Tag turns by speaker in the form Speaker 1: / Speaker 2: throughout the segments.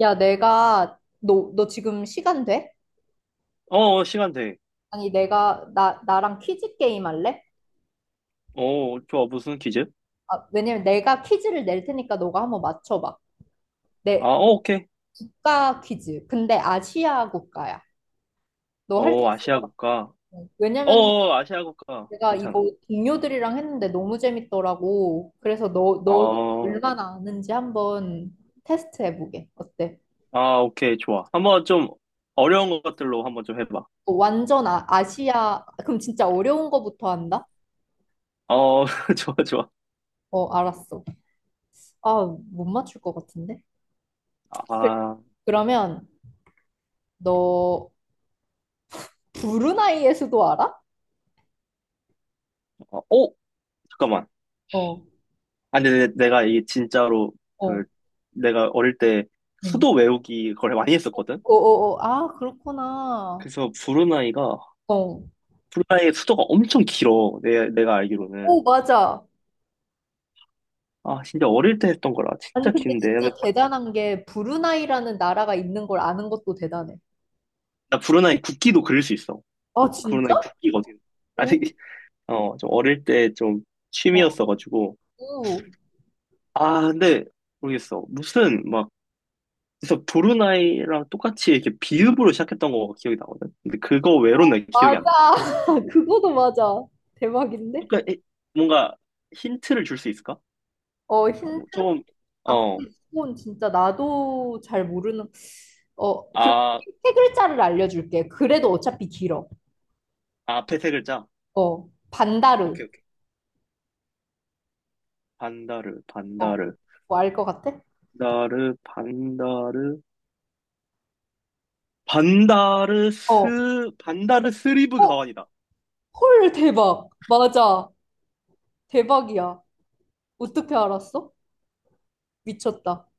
Speaker 1: 야, 너 지금 시간 돼?
Speaker 2: 시간 돼.
Speaker 1: 아니, 나랑 퀴즈 게임 할래?
Speaker 2: 어, 좋아. 무슨 퀴즈?
Speaker 1: 아, 왜냐면 내가 퀴즈를 낼 테니까 너가 한번 맞춰봐.
Speaker 2: 아,
Speaker 1: 내
Speaker 2: 오케이.
Speaker 1: 국가 퀴즈. 근데 아시아 국가야. 너 할 수
Speaker 2: 어,
Speaker 1: 있을 것
Speaker 2: 아시아
Speaker 1: 같아.
Speaker 2: 국가.
Speaker 1: 왜냐면
Speaker 2: 아시아 국가.
Speaker 1: 내가
Speaker 2: 괜찮아.
Speaker 1: 이거 동료들이랑 했는데 너무 재밌더라고. 그래서 너
Speaker 2: 어,
Speaker 1: 얼마나 아는지 한번 테스트 해보게. 어때?
Speaker 2: 아, 오케이. 좋아. 한번 좀 어려운 것들로 한번 좀 해봐.
Speaker 1: 어, 완전 아시아, 그럼 진짜 어려운 거부터 한다?
Speaker 2: 어, 좋아, 좋아.
Speaker 1: 어, 알았어. 아, 못 맞출 것 같은데?
Speaker 2: 아,
Speaker 1: 그러면 너 브루나이의 수도 알아?
Speaker 2: 어, 오! 잠깐만.
Speaker 1: 어,
Speaker 2: 아니, 내가 이게 진짜로 그,
Speaker 1: 어,
Speaker 2: 내가 어릴 때
Speaker 1: 응.
Speaker 2: 수도 외우기 걸 많이 했었거든?
Speaker 1: 어어어, 아, 그렇구나.
Speaker 2: 그래서 브루나이가,
Speaker 1: 어.
Speaker 2: 브루나이의 수도가 엄청 길어. 내가 알기로는.
Speaker 1: 오, 맞아.
Speaker 2: 아, 진짜 어릴 때 했던 거라
Speaker 1: 아니,
Speaker 2: 진짜
Speaker 1: 근데
Speaker 2: 긴데.
Speaker 1: 진짜 대단한 게 브루나이라는 나라가 있는 걸 아는 것도 대단해.
Speaker 2: 나 브루나이 국기도 그릴 수 있어.
Speaker 1: 아, 진짜?
Speaker 2: 브루나이 국기거든. 아
Speaker 1: 오,
Speaker 2: 되게 어, 좀 어릴 때 좀
Speaker 1: 어.
Speaker 2: 취미였어가지고.
Speaker 1: 오,
Speaker 2: 아, 근데 모르겠어. 무슨 막, 그래서 브루나이랑 똑같이 이렇게 비읍으로 시작했던 거 기억이 나거든. 근데 그거 외로는 기억이 안 난다.
Speaker 1: 맞아. 그거도 맞아. 대박인데?
Speaker 2: 그러니까 뭔가 힌트를 줄 수 있을까?
Speaker 1: 어,
Speaker 2: 아,
Speaker 1: 힌트?
Speaker 2: 뭐 좀,
Speaker 1: 아, 근데
Speaker 2: 어,
Speaker 1: 이건 진짜 나도 잘 모르는, 어, 그럼
Speaker 2: 아,
Speaker 1: 세 글자를 알려줄게. 그래도 어차피 길어.
Speaker 2: 앞에 세 글자.
Speaker 1: 어, 반다르.
Speaker 2: 오케이, 오케이. 반다르,
Speaker 1: 어,
Speaker 2: 반다르,
Speaker 1: 뭐알 것 같아?
Speaker 2: 반다르, 반다르,
Speaker 1: 어,
Speaker 2: 반다르스리브
Speaker 1: 어,
Speaker 2: 가완이다.
Speaker 1: 헐, 대박. 맞아. 대박이야. 어떻게 알았어? 미쳤다.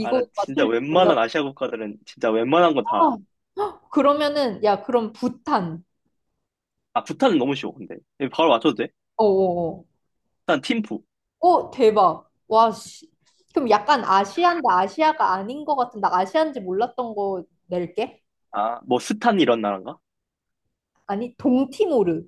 Speaker 2: 아, 나 진짜
Speaker 1: 맞출 줄
Speaker 2: 웬만한
Speaker 1: 몰랐다.
Speaker 2: 아시아 국가들은 진짜 웬만한 거 다.
Speaker 1: 그러면은, 야, 그럼 부탄.
Speaker 2: 아, 부탄은 너무 쉬워, 근데. 바로 맞춰도 돼?
Speaker 1: 어어어.
Speaker 2: 일단 팀푸.
Speaker 1: 어, 어. 어, 대박. 와, 씨. 그럼 약간 아시안데 아시아가 아닌 것 같은, 나 아시안지 몰랐던 거 낼게.
Speaker 2: 아, 뭐 스탄 이런 나라인가?
Speaker 1: 아니, 동티모르.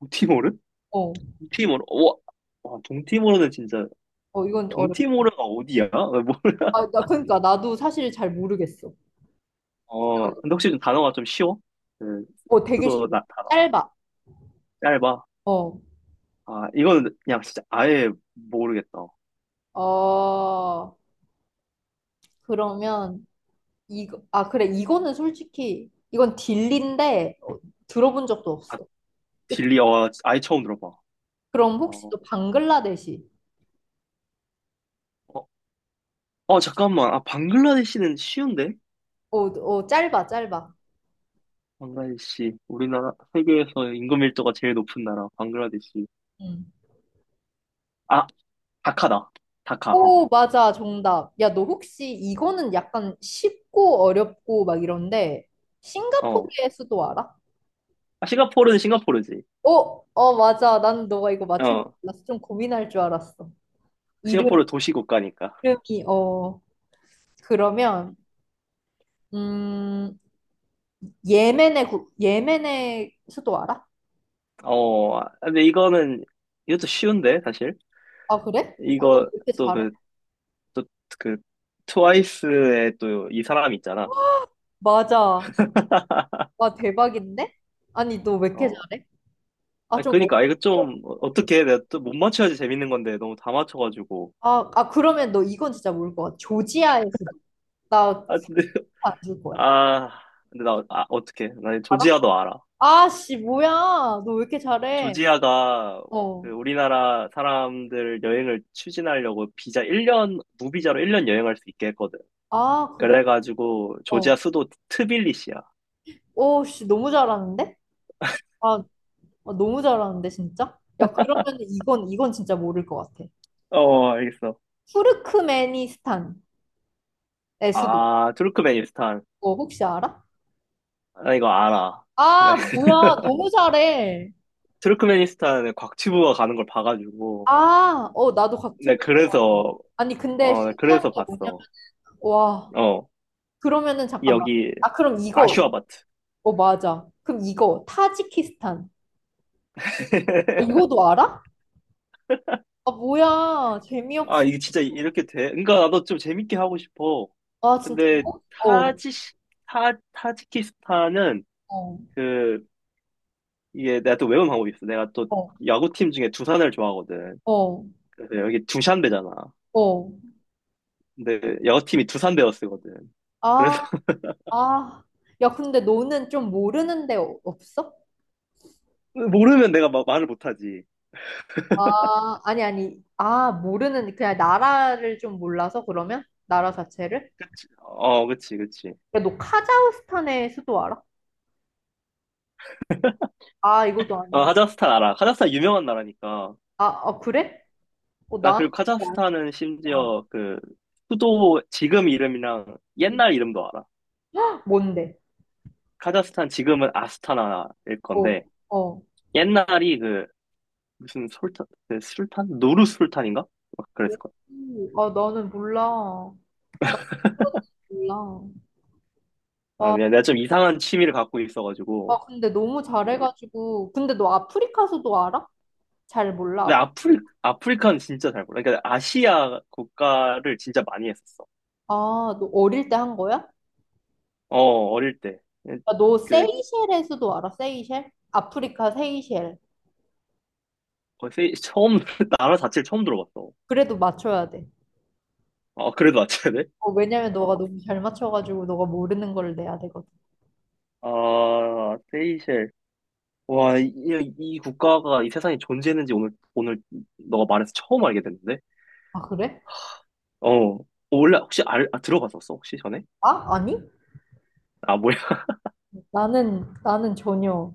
Speaker 2: 동티모르?
Speaker 1: 어,
Speaker 2: 동티모르. 와, 와, 동티모르는 진짜
Speaker 1: 어, 이건 어렵다.
Speaker 2: 동티모르가 어디야? 나 몰라.
Speaker 1: 그러니까, 나도 사실 잘 모르겠어.
Speaker 2: 어, 근데 혹시 좀 단어가 좀 쉬워? 그
Speaker 1: 어, 되게 쉽
Speaker 2: 수도 나 단어가
Speaker 1: 짧아.
Speaker 2: 짧아.
Speaker 1: 어,
Speaker 2: 아, 이거는 그냥 진짜 아예 모르겠다.
Speaker 1: 어. 그러면 이거 이거는 솔직히 이건 딜리인데 어, 들어본 적도
Speaker 2: 아,
Speaker 1: 없어. 그-
Speaker 2: 딜리 어, 아예 처음 들어봐.
Speaker 1: 그럼 혹시
Speaker 2: 어,
Speaker 1: 또 방글라데시?
Speaker 2: 어, 잠깐만. 아, 방글라데시는 쉬운데?
Speaker 1: 어, 어 짧아 짧아.
Speaker 2: 방글라데시, 우리나라, 세계에서 인구 밀도가 제일 높은 나라, 방글라데시.
Speaker 1: 음.
Speaker 2: 아, 다카다. 다카.
Speaker 1: 오 맞아 정답. 야 너 혹시 이거는 약간 쉽고 어렵고 막 이런데
Speaker 2: 어.
Speaker 1: 싱가포르의 수도 알아?
Speaker 2: 아, 싱가포르는 싱가포르지.
Speaker 1: 어, 어 맞아. 난 너가 이거 맞출 줄
Speaker 2: 어.
Speaker 1: 알았어. 좀 고민할 줄 알았어. 이름
Speaker 2: 싱가포르 도시 국가니까.
Speaker 1: 이름이 어 그러면 음 예멘의 수도 알아?
Speaker 2: 어. 아, 근데 이거는, 이것도 쉬운데, 사실.
Speaker 1: 아, 그래? 어, 너 왜
Speaker 2: 이거,
Speaker 1: 이렇게
Speaker 2: 또
Speaker 1: 잘해?
Speaker 2: 그, 또 그, 트와이스의 또 이 사람 있잖아.
Speaker 1: 맞아. 와, 대박인데? 아니, 너 왜 이렇게
Speaker 2: 어.
Speaker 1: 잘해? 아,
Speaker 2: 아,
Speaker 1: 좀
Speaker 2: 그니까, 이거
Speaker 1: 어렵고.
Speaker 2: 좀, 어떻게, 내가 또 못 맞춰야지 재밌는 건데, 너무 다 맞춰가지고.
Speaker 1: 아, 그러면 너 이건 진짜 모를 것 같아. 조지아의 수도.
Speaker 2: 아, 근데,
Speaker 1: 나안 줄 거야.
Speaker 2: 아, 근데 나, 아, 어떡해. 나
Speaker 1: 알아?
Speaker 2: 조지아도 알아.
Speaker 1: 아, 씨, 뭐야. 너 왜 이렇게 잘해?
Speaker 2: 조지아가 그
Speaker 1: 어.
Speaker 2: 우리나라 사람들 여행을 추진하려고 비자 1년, 무비자로 1년 여행할 수 있게 했거든.
Speaker 1: 아, 그래?
Speaker 2: 그래가지고
Speaker 1: 어.
Speaker 2: 조지아 수도 트빌리시야.
Speaker 1: 오, 씨, 너무 잘하는데? 아, 아, 너무 잘하는데, 진짜? 야, 그러면 이건 진짜 모를 것 같아.
Speaker 2: 어, 알겠어.
Speaker 1: 투르크메니스탄의 수도.
Speaker 2: 아, 투르크메니스탄.
Speaker 1: 어, 혹시 알아?
Speaker 2: 나 이거 알아. 네.
Speaker 1: 아, 뭐야. 너무 잘해.
Speaker 2: 투르크메니스탄에 곽튜브가 가는 걸 봐가지고.
Speaker 1: 아, 어, 나도
Speaker 2: 네,
Speaker 1: 같으면. 좋아.
Speaker 2: 그래서,
Speaker 1: 아니, 근데
Speaker 2: 어, 네,
Speaker 1: 신기한
Speaker 2: 그래서
Speaker 1: 게 뭐냐면,
Speaker 2: 봤어.
Speaker 1: 와,
Speaker 2: 어,
Speaker 1: 그러면은 잠깐만.
Speaker 2: 여기
Speaker 1: 아, 그럼 이거,
Speaker 2: 아슈아바트.
Speaker 1: 어, 맞아. 그럼 이거, 타지키스탄. 아, 이거도 알아? 아, 뭐야.
Speaker 2: 아,
Speaker 1: 재미없어.
Speaker 2: 이게 진짜 이렇게 돼? 그러니까 나도 좀 재밌게 하고 싶어.
Speaker 1: 아, 진짜.
Speaker 2: 근데
Speaker 1: 어,
Speaker 2: 타지 타지키스탄은
Speaker 1: 어,
Speaker 2: 그 이게 내가 또 외운 방법이 있어. 내가 또
Speaker 1: 어,
Speaker 2: 야구팀 중에 두산을 좋아하거든.
Speaker 1: 어,
Speaker 2: 그래서 여기 두샨배잖아.
Speaker 1: 어.
Speaker 2: 근데 야구팀이 두산배어 쓰거든.
Speaker 1: 아,
Speaker 2: 그래서
Speaker 1: 아. 야, 근데 너는 좀 모르는 데 없어?
Speaker 2: 모르면 내가 말을 못하지.
Speaker 1: 아니. 아, 모르는, 그냥 나라를 좀 몰라서 그러면? 나라 자체를?
Speaker 2: 어, 그치.
Speaker 1: 야, 너 카자흐스탄의 수도 알아? 아, 이것도
Speaker 2: 어,
Speaker 1: 아니
Speaker 2: 카자흐스탄 알아. 카자흐스탄 유명한 나라니까.
Speaker 1: 아, 어, 그래? 어,
Speaker 2: 나
Speaker 1: 나한테
Speaker 2: 그리고
Speaker 1: 왜안
Speaker 2: 카자흐스탄은
Speaker 1: 통하지?
Speaker 2: 심지어 그 수도 지금 이름이랑 옛날 이름도 알아.
Speaker 1: 뭔데?
Speaker 2: 카자흐스탄 지금은 아스타나일
Speaker 1: 어,
Speaker 2: 건데
Speaker 1: 어.
Speaker 2: 옛날이 그 무슨 솔탄 그 술탄 노르 술탄인가 막 그랬을 거야.
Speaker 1: 오, 아, 나는 몰라. 나 그런 거 몰라.
Speaker 2: 아
Speaker 1: 와,
Speaker 2: 미안 내가 좀 이상한 취미를 갖고 있어가지고
Speaker 1: 아, 근데 너무
Speaker 2: 예.
Speaker 1: 잘해가지고. 근데 너 아프리카서도 알아? 잘 몰라.
Speaker 2: 근데 아프리카는 진짜 잘 몰라. 그러니까 아시아 국가를 진짜 많이 했었어.
Speaker 1: 아, 너 어릴 때 한 거야?
Speaker 2: 어 어릴
Speaker 1: 아, 너
Speaker 2: 때그
Speaker 1: 세이셸에서도 알아? 세이셸? 아프리카 세이셸.
Speaker 2: 거의 처음 나라 자체를 처음 들어봤어.
Speaker 1: 그래도 맞춰야 돼.
Speaker 2: 어 그래도 맞춰야 돼?
Speaker 1: 어, 왜냐면
Speaker 2: 어,
Speaker 1: 너가 너무 잘 맞춰가지고 너가 모르는 걸 내야 되거든.
Speaker 2: 아, 세이셸. 와, 이, 이 국가가 이 세상에 존재했는지 오늘 너가 말해서 처음 알게 됐는데?
Speaker 1: 아, 그래?
Speaker 2: 어, 어, 원래 혹시 알, 아, 들어봤었어, 혹시 전에?
Speaker 1: 아, 아니?
Speaker 2: 아, 뭐야.
Speaker 1: 나는 전혀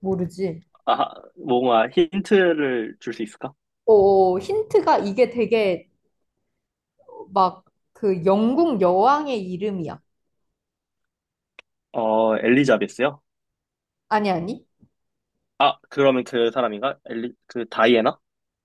Speaker 1: 모르지.
Speaker 2: 아, 뭔가 힌트를 줄 수 있을까?
Speaker 1: 어, 힌트가 이게 되게 막 그 영국 여왕의 이름이야.
Speaker 2: 어, 엘리자베스요?
Speaker 1: 아니, 아니.
Speaker 2: 아, 그러면 그 사람인가? 엘리, 그 다이애나?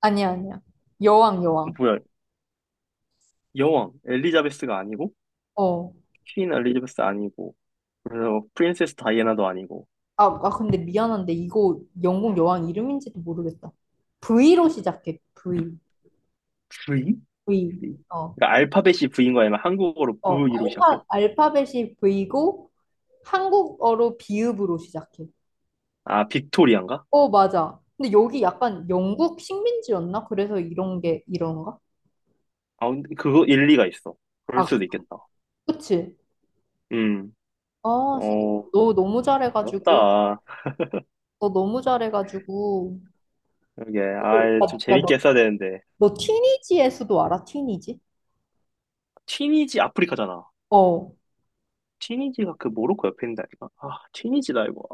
Speaker 1: 아니, 아니야. 여왕, 여왕.
Speaker 2: 뭐야, 여왕. 엘리자베스가 아니고,
Speaker 1: 어.
Speaker 2: 퀸 엘리자베스 아니고, 그래서 프린세스 다이애나도 아니고,
Speaker 1: 아, 근데 미안한데 이거 영국 여왕 이름인지도 모르겠다. V로 시작해. V.
Speaker 2: V?
Speaker 1: V. 어.
Speaker 2: 그러니까 알파벳이 V인 거아니면 한국어로
Speaker 1: 어.
Speaker 2: V로 시작해?
Speaker 1: 알파벳이 V고 한국어로 비읍으로 시작해.
Speaker 2: 아, 빅토리아인가?
Speaker 1: 어, 맞아. 근데 여기 약간 영국 식민지였나? 그래서 이런 게 이런가?
Speaker 2: 아, 근데 그거 일리가 있어. 그럴
Speaker 1: 아,
Speaker 2: 수도 있겠다.
Speaker 1: 그치.
Speaker 2: 음,
Speaker 1: 아, 진짜
Speaker 2: 어,
Speaker 1: 너 너무 잘해가지고.
Speaker 2: 어렵다.
Speaker 1: 너 너무 잘해가지고
Speaker 2: 이게,
Speaker 1: 오,
Speaker 2: 아, 좀
Speaker 1: 오빠
Speaker 2: 재밌게 했어야 되는데.
Speaker 1: 너 티니지의 수도 알아? 티니지?
Speaker 2: 티니지 아프리카잖아.
Speaker 1: 어
Speaker 2: 티니지가 그 모로코 옆에 있는다니까. 아, 티니지다 이거.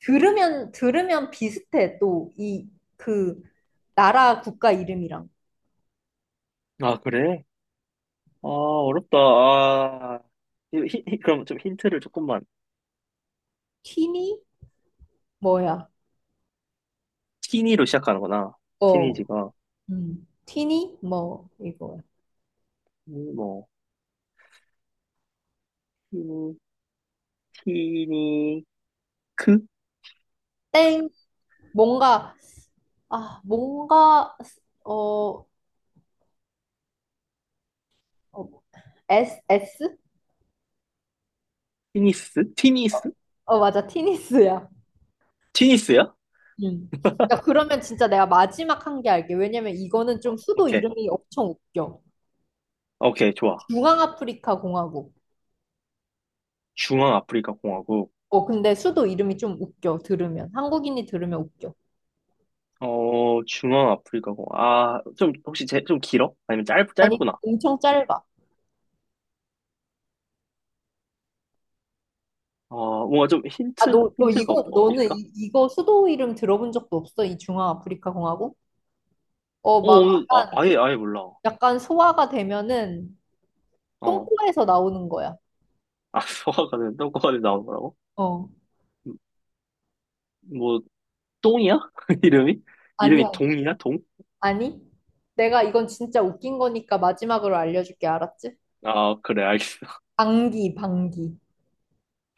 Speaker 1: 들으면 비슷해 또 이 그 나라 국가 이름이랑
Speaker 2: 아, 아 그래? 아, 어렵다. 아, 그럼 좀 힌트를 조금만.
Speaker 1: 티니 뭐야
Speaker 2: 티니로 시작하는구나.
Speaker 1: 어
Speaker 2: 티니지가.
Speaker 1: 티니 뭐 이거야
Speaker 2: 뭐, 티니, 티니크?
Speaker 1: 땡 뭔가 아 뭔가 어, 어 S S
Speaker 2: 티니스? 티니스?
Speaker 1: 어 맞아 티니스야
Speaker 2: 티니스야?
Speaker 1: 음. 야, 그러면 진짜 내가 마지막 한 개 알게. 왜냐면 이거는 좀 수도
Speaker 2: 오케이.
Speaker 1: 이름이 엄청 웃겨.
Speaker 2: 오케이, 좋아.
Speaker 1: 중앙아프리카 공화국.
Speaker 2: 중앙 아프리카 공화국.
Speaker 1: 어, 근데 수도 이름이 좀 웃겨, 들으면. 한국인이 들으면 웃겨.
Speaker 2: 어, 중앙 아프리카 공화국. 아, 좀, 혹시 제, 좀 길어? 아니면 짧,
Speaker 1: 아니,
Speaker 2: 짧구나.
Speaker 1: 엄청 짧아.
Speaker 2: 어, 뭔가 좀 힌트?
Speaker 1: 너 이거,
Speaker 2: 어,
Speaker 1: 너는
Speaker 2: 있을까?
Speaker 1: 이, 이거 수도 이름 들어본 적도 없어? 이 중앙아프리카 공화국? 어,
Speaker 2: 어,
Speaker 1: 막
Speaker 2: 오늘, 아, 아예 몰라.
Speaker 1: 약간 소화가 되면은
Speaker 2: 어. 아,
Speaker 1: 똥꼬에서 나오는 거야.
Speaker 2: 소화가 된, 똥꼬가 된 나온 거라고?
Speaker 1: 어,
Speaker 2: 음, 뭐, 똥이야? 이름이? 이름이
Speaker 1: 아니야.
Speaker 2: 동이야? 동?
Speaker 1: 아니? 내가 이건 진짜 웃긴 거니까 마지막으로 알려줄게, 알았지?
Speaker 2: 아, 그래, 알겠어.
Speaker 1: 방귀, 방귀.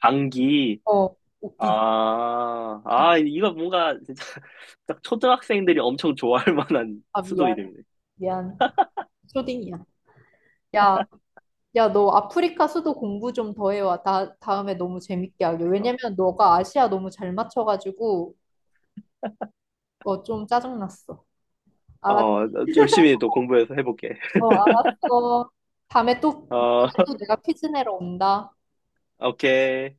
Speaker 2: 방귀.
Speaker 1: 어, 웃기지.
Speaker 2: 이거 뭔가, 진짜, 딱 초등학생들이 엄청 좋아할 만한
Speaker 1: 아,
Speaker 2: 수도
Speaker 1: 미안,
Speaker 2: 이름이네.
Speaker 1: 미안. 초딩이야. 야. 야, 너 아프리카 수도 공부 좀 더 해와. 다음에 너무 재밌게 하게. 왜냐면
Speaker 2: 알겠어.
Speaker 1: 너가 아시아 너무 잘 맞춰가지고, 어, 좀 짜증났어. 알았어,
Speaker 2: 어, 열심히 또 공부해서 해볼게.
Speaker 1: 알았어. 다음에 또,
Speaker 2: 어,
Speaker 1: 또 내가 퀴즈 내러 온다.
Speaker 2: 오케이.